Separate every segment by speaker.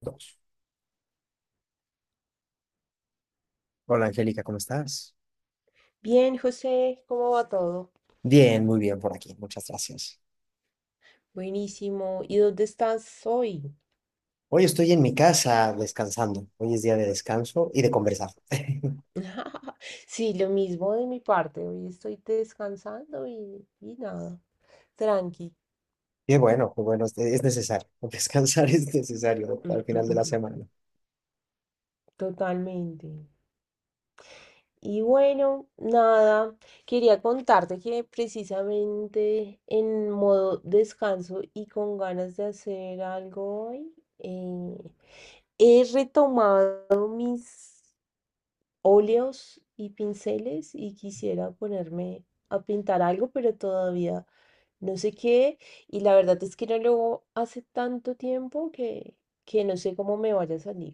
Speaker 1: Dos. Hola Angélica, ¿cómo estás?
Speaker 2: Bien, José, ¿cómo va todo?
Speaker 1: Bien, muy bien por aquí, muchas gracias.
Speaker 2: Buenísimo. ¿Y dónde estás hoy?
Speaker 1: Hoy estoy en mi casa descansando. Hoy es día de descanso y de conversar.
Speaker 2: Sí, lo mismo de mi parte. Hoy estoy descansando y nada. Tranqui.
Speaker 1: Qué bueno, es necesario. Descansar es necesario
Speaker 2: Mm,
Speaker 1: al
Speaker 2: mm,
Speaker 1: final de
Speaker 2: mm,
Speaker 1: la
Speaker 2: mm.
Speaker 1: semana.
Speaker 2: Totalmente. Y bueno, nada. Quería contarte que precisamente en modo descanso y con ganas de hacer algo hoy, he retomado mis óleos y pinceles y quisiera ponerme a pintar algo, pero todavía no sé qué. Y la verdad es que no lo hago hace tanto tiempo que no sé cómo me vaya a salir.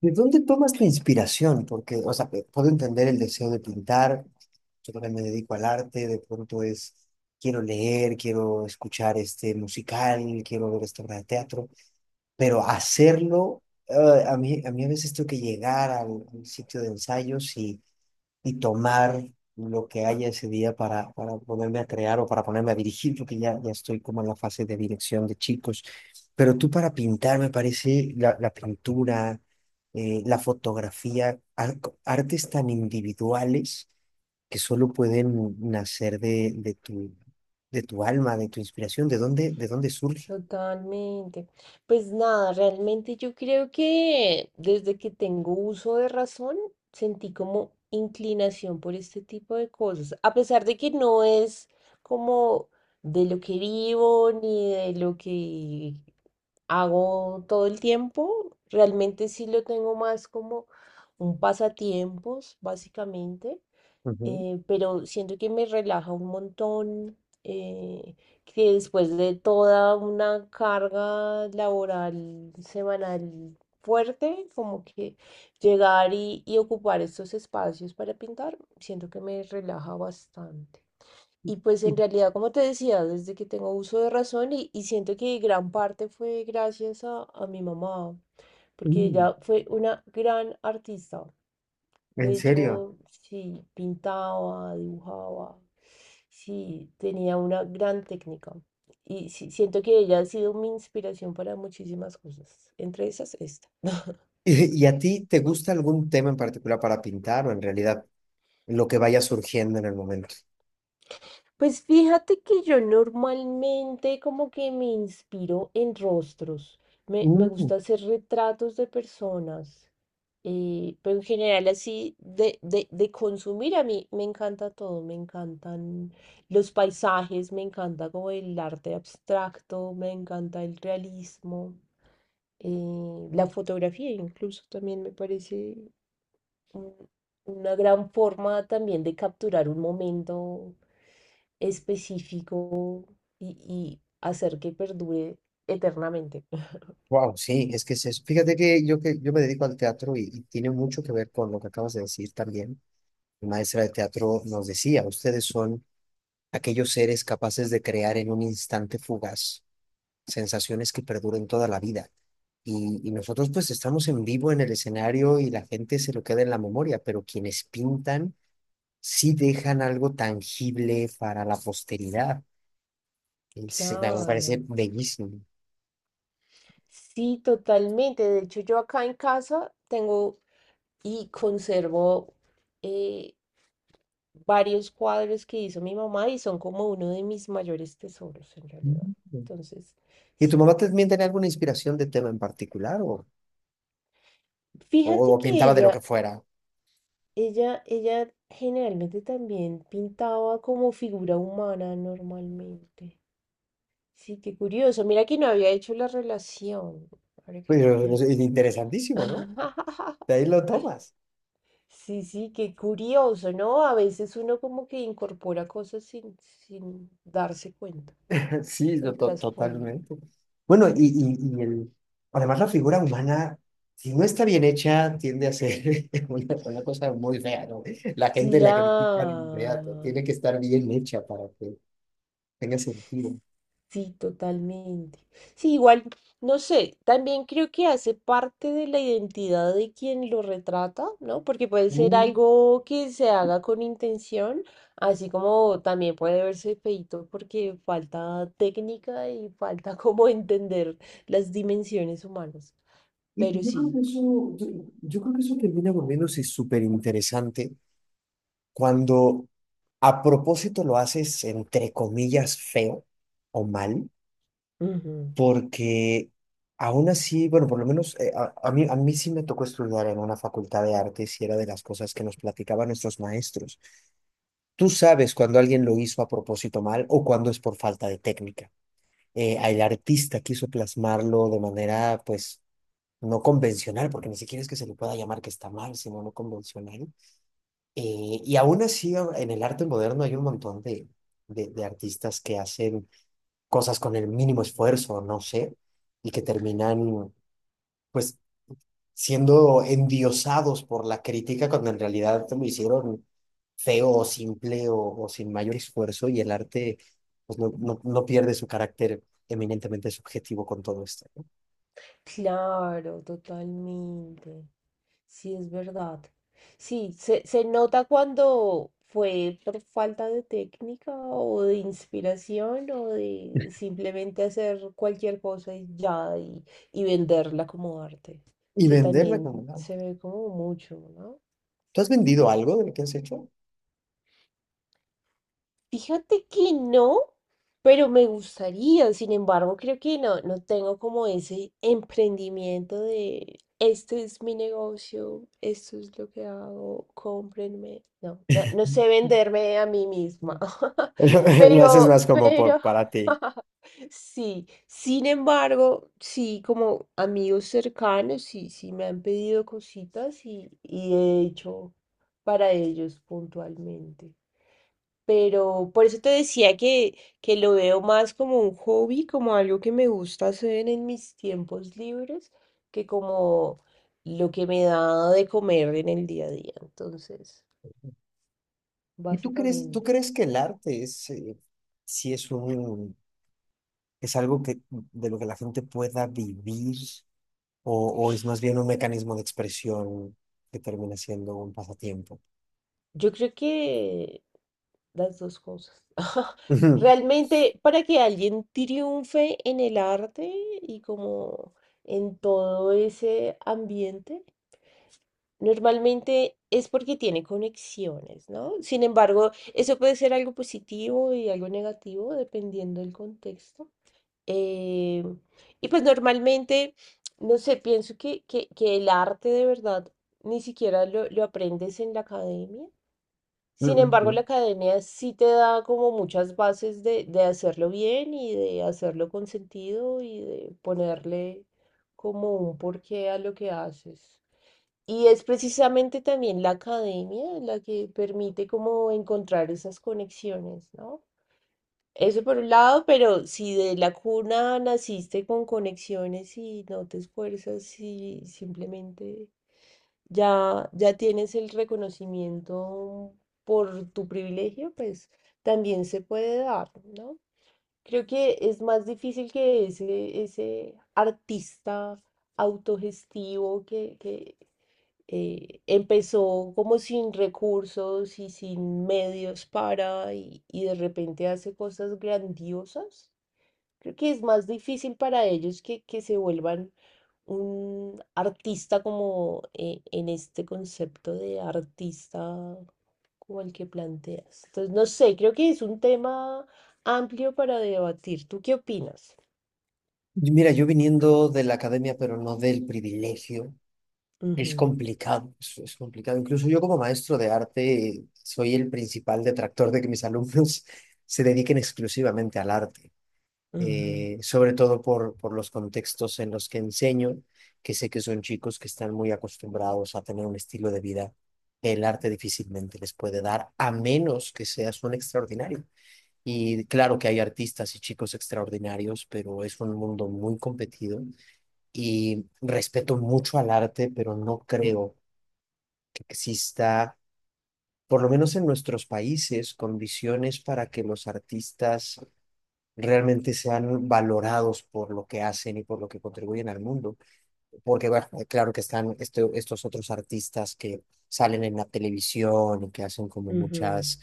Speaker 1: ¿De dónde tomas tu inspiración? Porque, o sea, puedo entender el deseo de pintar. Yo también me dedico al arte, de pronto es, quiero leer, quiero escuchar este musical, quiero ver esta obra de teatro. Pero hacerlo, a mí a veces tengo que llegar al sitio de ensayos y tomar lo que haya ese día para ponerme a crear o para ponerme a dirigir, porque ya estoy como en la fase de dirección de chicos. Pero tú para pintar, me parece la pintura, la fotografía, artes tan individuales que solo pueden nacer de tu alma, de tu inspiración, de dónde surge.
Speaker 2: Totalmente. Pues nada, realmente yo creo que desde que tengo uso de razón, sentí como inclinación por este tipo de cosas. A pesar de que no es como de lo que vivo ni de lo que hago todo el tiempo, realmente sí lo tengo más como un pasatiempos, básicamente
Speaker 1: Ujú.
Speaker 2: eh, Pero siento que me relaja un montón, eh, que después de toda una carga laboral semanal fuerte, como que llegar y ocupar estos espacios para pintar, siento que me relaja bastante. Y pues
Speaker 1: Y,
Speaker 2: en realidad, como te decía, desde que tengo uso de razón y siento que gran parte fue gracias a mi mamá, porque
Speaker 1: mm,
Speaker 2: ella fue una gran artista.
Speaker 1: en
Speaker 2: De
Speaker 1: serio.
Speaker 2: hecho, sí, pintaba, dibujaba, sí, tenía una gran técnica. Y sí, siento que ella ha sido mi inspiración para muchísimas cosas, entre esas esta.
Speaker 1: Y a ti te gusta algún tema en particular para pintar o en realidad lo que vaya surgiendo en el momento?
Speaker 2: Pues fíjate que yo normalmente como que me inspiro en rostros. Me gusta hacer retratos de personas. Pero en general así de consumir a mí me encanta todo, me encantan los paisajes, me encanta como el arte abstracto, me encanta el realismo, la fotografía incluso también me parece un- una gran forma también de capturar un momento específico y hacer que perdure eternamente.
Speaker 1: Wow, sí, es que es eso. Fíjate que yo me dedico al teatro y tiene mucho que ver con lo que acabas de decir también. Mi maestra de teatro nos decía, ustedes son aquellos seres capaces de crear en un instante fugaz sensaciones que perduren toda la vida. Y nosotros pues estamos en vivo en el escenario y la gente se lo queda en la memoria, pero quienes pintan sí dejan algo tangible para la posteridad. A mí me parece
Speaker 2: Claro,
Speaker 1: bellísimo.
Speaker 2: sí, totalmente. De hecho, yo acá en casa tengo y conservo eh, varios cuadros que hizo mi mamá y son como uno de mis mayores tesoros en realidad.
Speaker 1: Mm.
Speaker 2: Entonces,
Speaker 1: ¿Y tu
Speaker 2: sí,
Speaker 1: mamá también tenía alguna inspiración de tema en particular
Speaker 2: fíjate
Speaker 1: o
Speaker 2: que
Speaker 1: pintaba de lo que
Speaker 2: ella
Speaker 1: fuera?
Speaker 2: ella generalmente también pintaba como figura humana normalmente. Sí, qué curioso. Mira que no había hecho la relación, ahora que lo
Speaker 1: Pero es
Speaker 2: pienso.
Speaker 1: interesantísimo, ¿no? De ahí lo tomas.
Speaker 2: Sí, sí, qué curioso, ¿no? A veces uno como que incorpora cosas sin darse cuenta
Speaker 1: Sí,
Speaker 2: del trasfondo.
Speaker 1: totalmente. Bueno, además la figura humana, si no está bien hecha, tiende a ser una cosa muy fea, ¿no? La gente la critica de inmediato.
Speaker 2: Claro.
Speaker 1: Tiene que estar bien hecha para que tenga sentido.
Speaker 2: Sí, totalmente. Sí, igual, no sé, también creo que hace parte de la identidad de quien lo retrata, ¿no? Porque puede ser algo que se haga con intención, así como también puede verse feíto porque falta técnica y falta como entender las dimensiones humanas.
Speaker 1: Y que
Speaker 2: Pero
Speaker 1: yo creo
Speaker 2: sí.
Speaker 1: que eso, yo creo que eso termina volviéndose súper interesante cuando a propósito lo haces entre comillas feo o mal, porque aún así, bueno, por lo menos a mí sí me tocó estudiar en una facultad de artes y era de las cosas que nos platicaban nuestros maestros. Tú sabes cuando alguien lo hizo a propósito mal o cuando es por falta de técnica. El artista quiso plasmarlo de manera, pues no convencional, porque ni siquiera es que se le pueda llamar que está mal, sino no convencional. Y aún así, en el arte moderno hay un montón de artistas que hacen cosas con el mínimo esfuerzo, no sé, y que terminan, pues, siendo endiosados por la crítica cuando en realidad lo hicieron feo o simple o sin mayor esfuerzo y el arte, pues, no pierde su carácter eminentemente subjetivo con todo esto, ¿no?
Speaker 2: Claro, totalmente. Sí, es verdad. Sí, se nota cuando fue por falta de técnica o de inspiración o de simplemente hacer cualquier cosa y ya y venderla como arte,
Speaker 1: Y
Speaker 2: que
Speaker 1: venderla como
Speaker 2: también
Speaker 1: un…
Speaker 2: se ve como mucho, ¿no?
Speaker 1: ¿Tú has vendido algo de lo que has hecho?
Speaker 2: Fíjate que no, pero me gustaría. Sin embargo, creo que no, no tengo como ese emprendimiento de este es mi negocio, esto es lo que hago, cómprenme. No, no, no sé venderme a mí
Speaker 1: Mm.
Speaker 2: misma.
Speaker 1: Lo, lo haces
Speaker 2: Pero,
Speaker 1: más como
Speaker 2: pero,
Speaker 1: por para ti.
Speaker 2: sí. Sin embargo, sí, como amigos cercanos, sí, sí me han pedido cositas y he hecho para ellos puntualmente. Pero por eso te decía que lo veo más como un hobby, como algo que me gusta hacer en mis tiempos libres, que como lo que me da de comer en el día a día. Entonces,
Speaker 1: ¿Y ¿tú crees, tú
Speaker 2: básicamente.
Speaker 1: crees que el arte es, sí es un, es algo que, de lo que la gente pueda vivir o, o es más bien un mecanismo de expresión que termina siendo un pasatiempo?
Speaker 2: Yo creo que las dos cosas.
Speaker 1: Ujú,
Speaker 2: Realmente, para que alguien triunfe en el arte y como en todo ese ambiente, normalmente es porque tiene conexiones, ¿no? Sin embargo, eso puede ser algo positivo y algo negativo dependiendo del contexto. Eh, y pues normalmente, no sé, pienso que el arte de verdad ni siquiera lo aprendes en la academia, sin
Speaker 1: ujú,
Speaker 2: embargo, la
Speaker 1: ¿no?
Speaker 2: academia sí te da como muchas bases de hacerlo bien y de hacerlo con sentido y de ponerle como un porqué a lo que haces. Y es precisamente también la academia la que permite como encontrar esas conexiones, ¿no? Eso por un lado, pero si de la cuna naciste con conexiones y no te esfuerzas y simplemente ya tienes el reconocimiento por tu privilegio, pues también se puede dar, ¿no? Creo que es más difícil que ese artista autogestivo que empezó como sin recursos y sin medios para y de repente hace cosas grandiosas. Creo que es más difícil para ellos que se vuelvan un artista como en este concepto de artista como el que planteas. Entonces, no sé, creo que es un tema amplio para debatir. ¿Tú qué opinas?
Speaker 1: Y mira, yo viniendo de la academia, pero no del privilegio, es
Speaker 2: Ujú,
Speaker 1: complicado, es complicado. Incluso yo como maestro de arte soy el principal detractor de que mis alumnos se dediquen exclusivamente al arte.
Speaker 2: ujú,
Speaker 1: Sobre todo por los contextos en los que enseño, que sé que son chicos que están muy acostumbrados a tener un estilo de vida que el arte difícilmente les puede dar, a menos que seas un extraordinario. Y claro que hay artistas y chicos extraordinarios, pero es un mundo muy competido y respeto mucho al arte, pero no creo que exista, por lo menos en nuestros países, condiciones para que los artistas realmente sean valorados por lo que hacen y por lo que contribuyen al mundo. Porque, bueno, claro que están estos otros artistas que salen en la televisión y que hacen como
Speaker 2: ujú.
Speaker 1: muchas,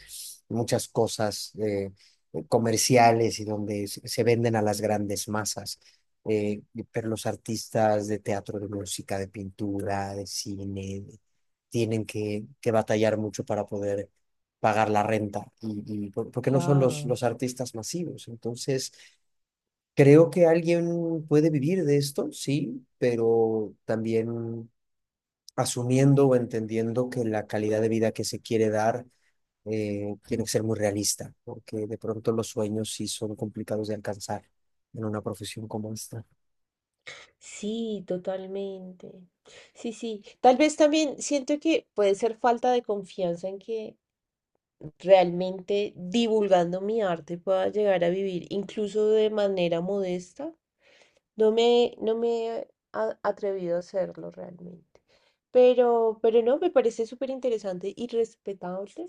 Speaker 1: muchas cosas comerciales y donde se venden a las grandes masas. Eh, pero los artistas de teatro, de música, de pintura, de cine, tienen que batallar mucho para poder pagar la renta y porque no son
Speaker 2: Claro.
Speaker 1: los artistas masivos. Entonces, creo que alguien puede vivir de esto, sí, pero también asumiendo o entendiendo que la calidad de vida que se quiere dar tiene que ser muy realista, porque de pronto los sueños sí son complicados de alcanzar en una profesión como esta.
Speaker 2: Sí, totalmente. Sí, sí. Tal vez también siento que puede ser falta de confianza en que realmente divulgando mi arte pueda llegar a vivir incluso de manera modesta. No me he atrevido a hacerlo realmente. No, me parece súper interesante y respetable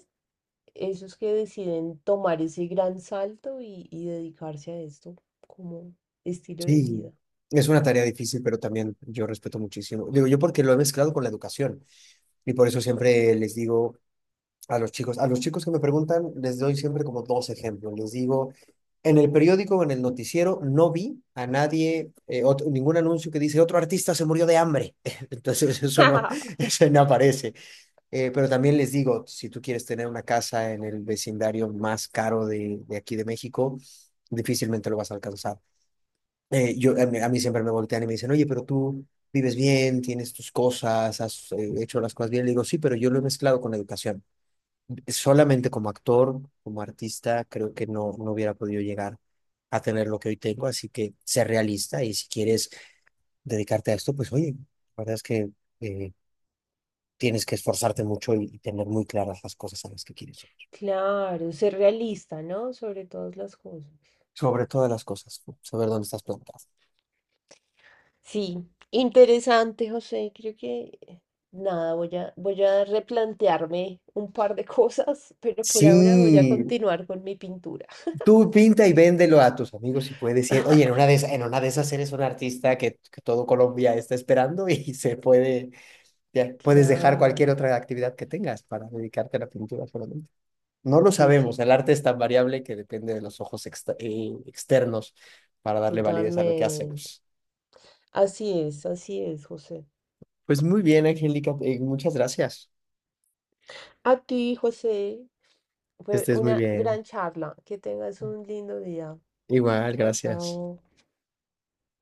Speaker 2: esos que deciden tomar ese gran salto y dedicarse a esto como estilo de
Speaker 1: Sí,
Speaker 2: vida.
Speaker 1: es una tarea difícil, pero también yo respeto muchísimo. Digo yo porque lo he mezclado con la educación y por eso siempre les digo a los chicos, a los chicos que me preguntan, les doy siempre como dos ejemplos. Les digo, en el periódico en el noticiero no vi a nadie, ningún anuncio que dice otro artista se murió de hambre. Entonces eso no, eso no aparece. Pero también les digo, si tú quieres tener una casa en el vecindario más caro de aquí de México, difícilmente lo vas a alcanzar. A mí siempre me voltean y me dicen, oye, pero tú vives bien, tienes tus cosas, has hecho las cosas bien. Le digo, sí, pero yo lo he mezclado con la educación. Solamente como actor, como artista, creo que no hubiera podido llegar a tener lo que hoy tengo, así que sé realista y si quieres dedicarte a esto, pues oye, la verdad es que eh, tienes que esforzarte mucho y tener muy claras las cosas a las que quieres llegar.
Speaker 2: Claro, ser realista, ¿no? Sobre todas las cosas.
Speaker 1: Sobre todas las cosas, pues, saber dónde estás plantado.
Speaker 2: Sí, interesante, José. Creo que nada, voy a replantearme un par de cosas, pero por ahora voy a
Speaker 1: Sí,
Speaker 2: continuar con mi pintura.
Speaker 1: tú pinta y véndelo a tus amigos y puedes decir, oye, en una de esas, en una de esas eres un artista que todo Colombia está esperando y se puede… Ya, puedes dejar cualquier
Speaker 2: Claro,
Speaker 1: otra actividad que tengas para dedicarte a la pintura solamente. No lo
Speaker 2: sí,
Speaker 1: sabemos,
Speaker 2: sí,
Speaker 1: el arte es tan variable que depende de los ojos externos para darle validez a lo que
Speaker 2: totalmente.
Speaker 1: hacemos.
Speaker 2: Así es, José.
Speaker 1: Pues muy bien, Angélica, muchas gracias.
Speaker 2: A ti, José,
Speaker 1: Que
Speaker 2: fue
Speaker 1: estés muy
Speaker 2: una
Speaker 1: bien.
Speaker 2: gran charla. Que tengas un lindo día.
Speaker 1: Igual,
Speaker 2: Chao,
Speaker 1: gracias.
Speaker 2: chao.